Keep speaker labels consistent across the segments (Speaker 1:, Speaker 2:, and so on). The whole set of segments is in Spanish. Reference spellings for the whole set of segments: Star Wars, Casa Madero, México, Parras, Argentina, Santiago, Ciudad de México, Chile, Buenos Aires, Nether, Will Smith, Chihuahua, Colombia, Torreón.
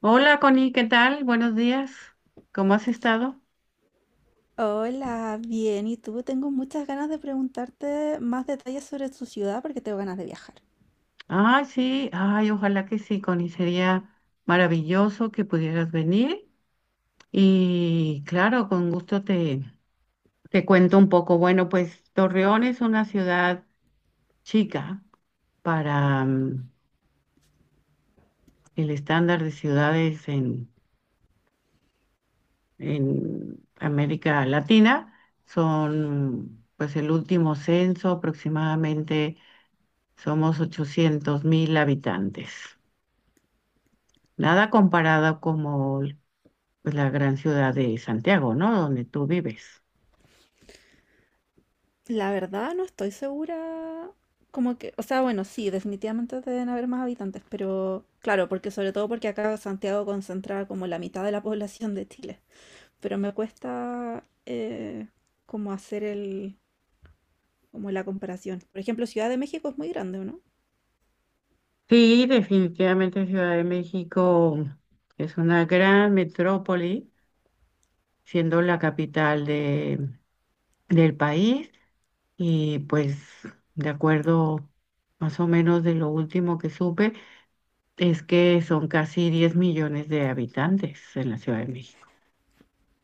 Speaker 1: Hola Connie, ¿qué tal? Buenos días. ¿Cómo has estado?
Speaker 2: Hola, bien. ¿Y tú? Tengo muchas ganas de preguntarte más detalles sobre tu ciudad porque tengo ganas de viajar.
Speaker 1: Ay, sí, ay, ojalá que sí, Connie. Sería maravilloso que pudieras venir. Y claro, con gusto te cuento un poco. Bueno, pues Torreón es una ciudad chica para el estándar de ciudades en América Latina. Son, pues el último censo aproximadamente, somos 800,000 habitantes. Nada comparado como pues, la gran ciudad de Santiago, ¿no? Donde tú vives.
Speaker 2: La verdad, no estoy segura. Como que, o sea, bueno, sí, definitivamente deben haber más habitantes, pero claro, porque sobre todo porque acá Santiago concentra como la mitad de la población de Chile. Pero me cuesta como hacer como la comparación. Por ejemplo, Ciudad de México es muy grande, ¿o no?
Speaker 1: Sí, definitivamente Ciudad de México es una gran metrópoli, siendo la capital del país y pues de acuerdo más o menos de lo último que supe, es que son casi 10 millones de habitantes en la Ciudad de México.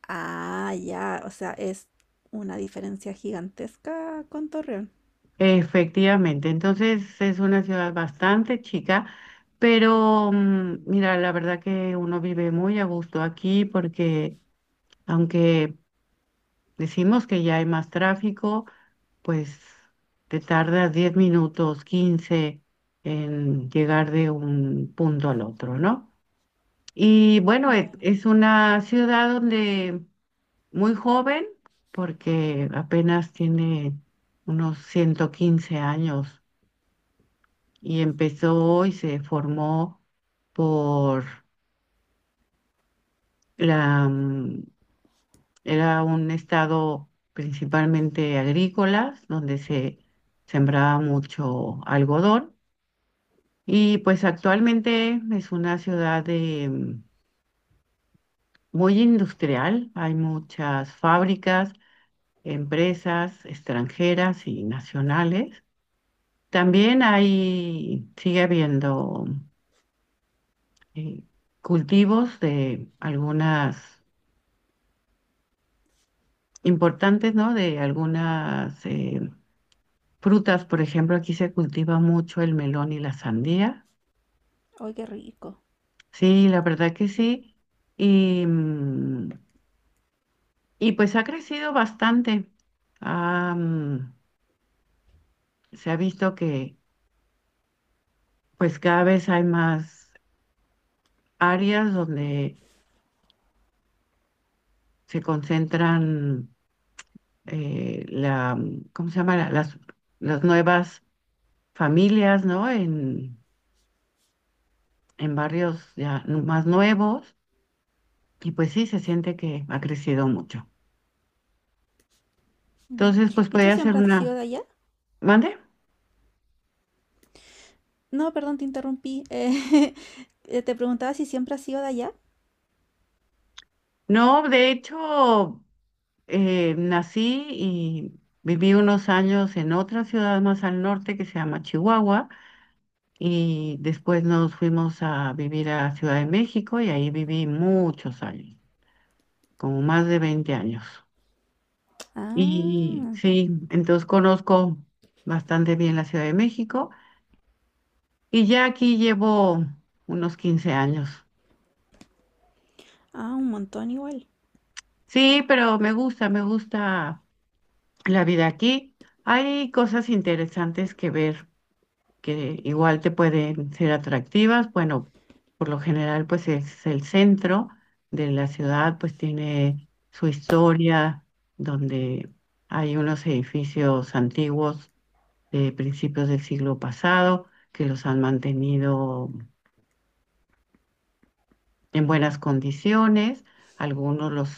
Speaker 2: Ah, ya, o sea, es una diferencia gigantesca con Torreón.
Speaker 1: Efectivamente, entonces es una ciudad bastante chica, pero mira, la verdad que uno vive muy a gusto aquí porque aunque decimos que ya hay más tráfico, pues te tardas 10 minutos, 15 en llegar de un punto al otro, ¿no? Y bueno,
Speaker 2: Bueno.
Speaker 1: es una ciudad donde muy joven porque apenas tiene unos 115 años. Y empezó y se formó por la, mm, era un estado principalmente agrícola, donde se sembraba mucho algodón. Y pues actualmente es una ciudad muy industrial, hay muchas fábricas, empresas extranjeras y nacionales. También sigue habiendo eh, cultivos de algunas importantes, ¿no? De algunas frutas, por ejemplo, aquí se cultiva mucho el melón y la sandía.
Speaker 2: Ay, qué rico.
Speaker 1: Sí, la verdad que sí. Y, mm, y pues ha crecido bastante. Ah, se ha visto que pues cada vez hay más áreas donde se concentran ¿cómo se llama? Las nuevas familias, ¿no? En barrios ya más nuevos. Y pues sí, se siente que ha crecido mucho.
Speaker 2: Mm.
Speaker 1: Entonces, pues
Speaker 2: ¿Y tú
Speaker 1: podía hacer
Speaker 2: siempre has sido
Speaker 1: una...
Speaker 2: de allá?
Speaker 1: ¿Mande?
Speaker 2: No, perdón, te interrumpí. Te preguntaba si siempre has sido de allá.
Speaker 1: No, de hecho, nací y viví unos años en otra ciudad más al norte que se llama Chihuahua y después nos fuimos a vivir a Ciudad de México y ahí viví muchos años, como más de 20 años. Y
Speaker 2: Ah,
Speaker 1: sí, entonces conozco bastante bien la Ciudad de México y ya aquí llevo unos 15 años.
Speaker 2: ah, un montón igual.
Speaker 1: Sí, pero me gusta la vida aquí. Hay cosas interesantes que ver que igual te pueden ser atractivas. Bueno, por lo general, pues es el centro de la ciudad, pues tiene su historia, donde hay unos edificios antiguos de principios del siglo pasado que los han mantenido en buenas condiciones. Algunos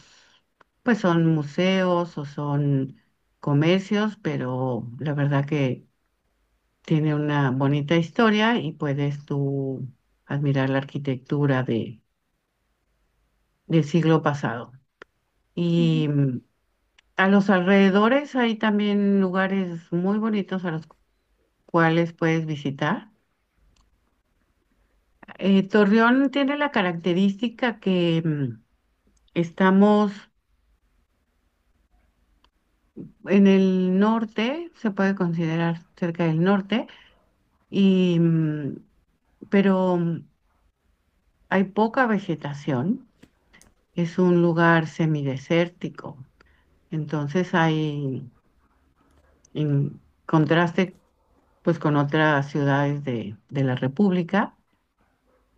Speaker 1: pues son museos o son comercios, pero la verdad que tiene una bonita historia y puedes tú admirar la arquitectura del siglo pasado. Y
Speaker 2: Ujú.
Speaker 1: a los alrededores hay también lugares muy bonitos a los cuales puedes visitar. Torreón tiene la característica que estamos en el norte, se puede considerar cerca del norte, y, mm, pero hay poca vegetación, es un lugar semidesértico, entonces en contraste pues con otras ciudades de la República,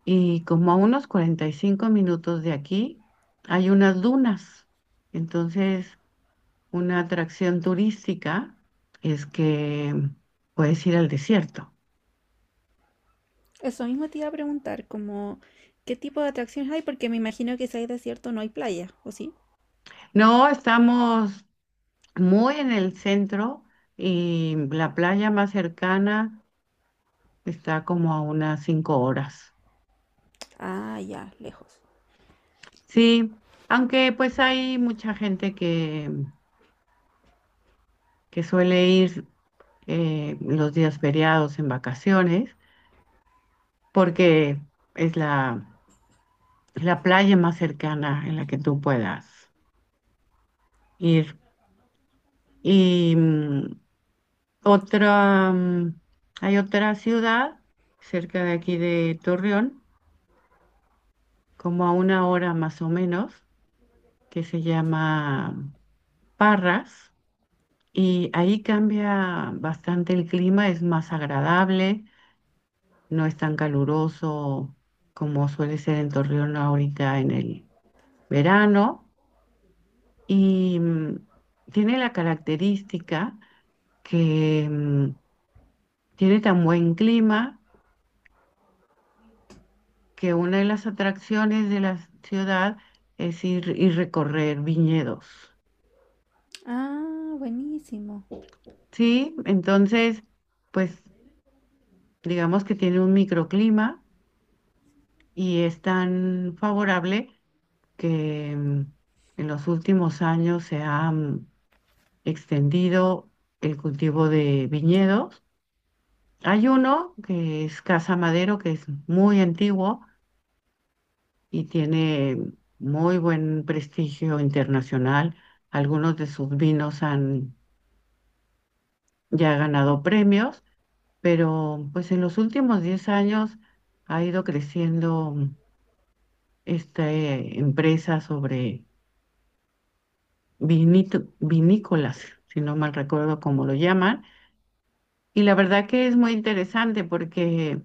Speaker 1: y como a unos 45 minutos de aquí hay unas dunas, entonces una atracción turística es que puedes ir al desierto.
Speaker 2: Eso mismo te iba a preguntar, como qué tipo de atracciones hay, porque me imagino que si hay desierto no hay playa, ¿o sí?
Speaker 1: No, estamos muy en el centro y la playa más cercana está como a unas 5 horas.
Speaker 2: Ah, ya, lejos.
Speaker 1: Sí, aunque pues hay mucha gente que suele ir los días feriados en vacaciones porque es la playa más cercana en la que tú puedas ir. Y otra, mm, hay otra ciudad cerca de aquí de Torreón como a una hora más o menos, que se llama Parras, y ahí cambia bastante el clima, es más agradable, no es tan caluroso como suele ser en Torreón ahorita en el verano, y tiene la característica que tiene tan buen clima que una de las atracciones de la ciudad es ir y recorrer viñedos.
Speaker 2: Ah, buenísimo.
Speaker 1: Sí, entonces, pues digamos que tiene un microclima y es tan favorable que en los últimos años se ha extendido el cultivo de viñedos. Hay uno que es Casa Madero, que es muy antiguo y tiene muy buen prestigio internacional. Algunos de sus vinos han ya ganado premios, pero pues en los últimos 10 años ha ido creciendo esta empresa sobre vinícolas, si no mal recuerdo cómo lo llaman. Y la verdad que es muy interesante porque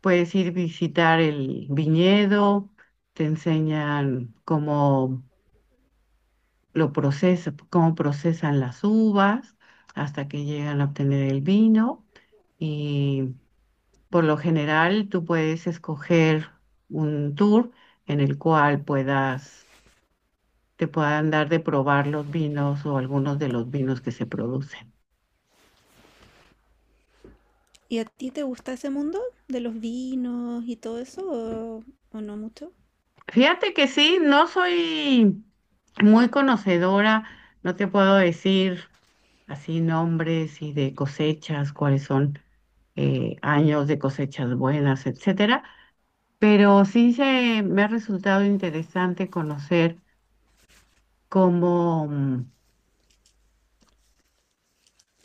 Speaker 1: puedes ir visitar el viñedo, te enseñan cómo lo procesa, cómo procesan las uvas hasta que llegan a obtener el vino. Y por lo general tú puedes escoger un tour en el cual puedas te puedan dar de probar los vinos o algunos de los vinos que se producen.
Speaker 2: ¿Y a ti te gusta ese mundo de los vinos y todo eso o, o no mucho?
Speaker 1: Fíjate que sí, no soy muy conocedora, no te puedo decir así nombres y de cosechas, cuáles son años de cosechas buenas, etcétera, pero sí me ha resultado interesante conocer cómo, mm,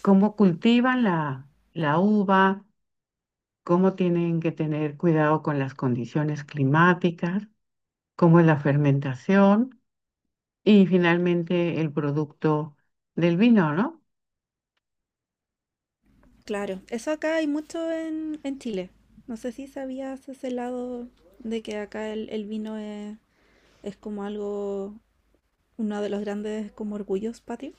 Speaker 1: cómo cultivan la uva, cómo tienen que tener cuidado con las condiciones climáticas como es la fermentación y finalmente el producto del vino, ¿no?
Speaker 2: Claro, eso acá hay mucho en Chile. No sé si sabías ese lado de que acá el vino es como algo, uno de los grandes como orgullos patrios.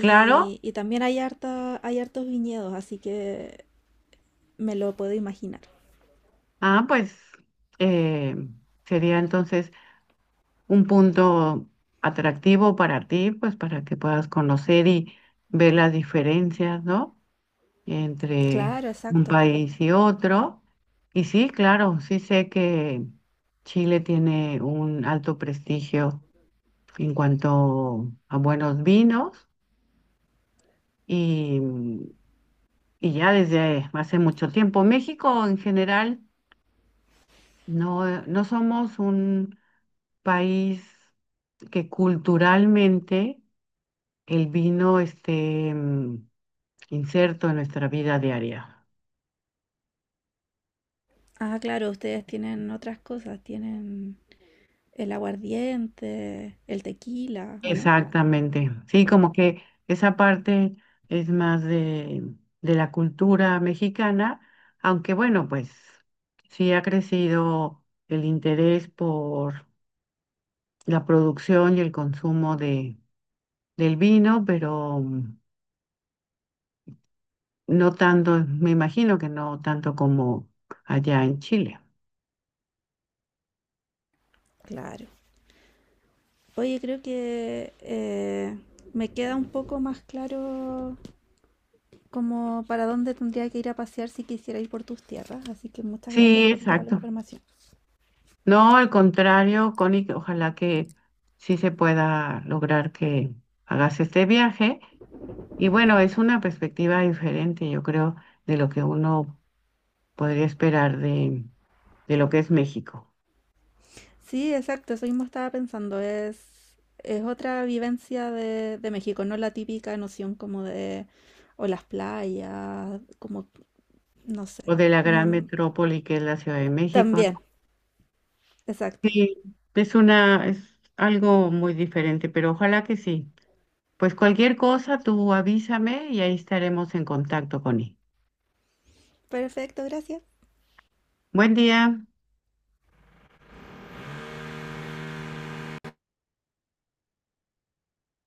Speaker 1: Claro,
Speaker 2: Y también hay harta, hay hartos viñedos, así que me lo puedo imaginar.
Speaker 1: ah, pues eh, sería entonces un punto atractivo para ti, pues para que puedas conocer y ver las diferencias, ¿no? Entre
Speaker 2: Claro,
Speaker 1: un
Speaker 2: exacto.
Speaker 1: país y otro. Y sí, claro, sí sé que Chile tiene un alto prestigio en cuanto a buenos vinos y Y ya desde hace mucho tiempo, México en general no, no somos un país que culturalmente el vino esté inserto en nuestra vida diaria.
Speaker 2: Ah, claro, ustedes tienen otras cosas, tienen el aguardiente, el tequila, ¿o no?
Speaker 1: Exactamente. Sí, como que esa parte es más de la cultura mexicana, aunque bueno, pues sí ha crecido el interés por la producción y el consumo del vino, pero no tanto, me imagino que no tanto como allá en Chile.
Speaker 2: Claro. Oye, creo que me queda un poco más claro como para dónde tendría que ir a pasear si quisiera ir por tus tierras. Así que muchas gracias
Speaker 1: Sí,
Speaker 2: por toda la
Speaker 1: exacto.
Speaker 2: información.
Speaker 1: No, al contrario, Connie, que ojalá que sí se pueda lograr que hagas este viaje. Y bueno, es una perspectiva diferente, yo creo, de lo que uno podría esperar de, lo que es México
Speaker 2: Sí, exacto, eso mismo estaba pensando. Es otra vivencia de México, no la típica noción como de, o las playas, como, no sé,
Speaker 1: o de la
Speaker 2: como
Speaker 1: gran metrópoli que es la Ciudad de México, ¿no?
Speaker 2: también, exacto.
Speaker 1: Sí, es algo muy diferente, pero ojalá que sí. Pues cualquier cosa, tú avísame y ahí estaremos en contacto, con él.
Speaker 2: Perfecto, gracias.
Speaker 1: Buen día.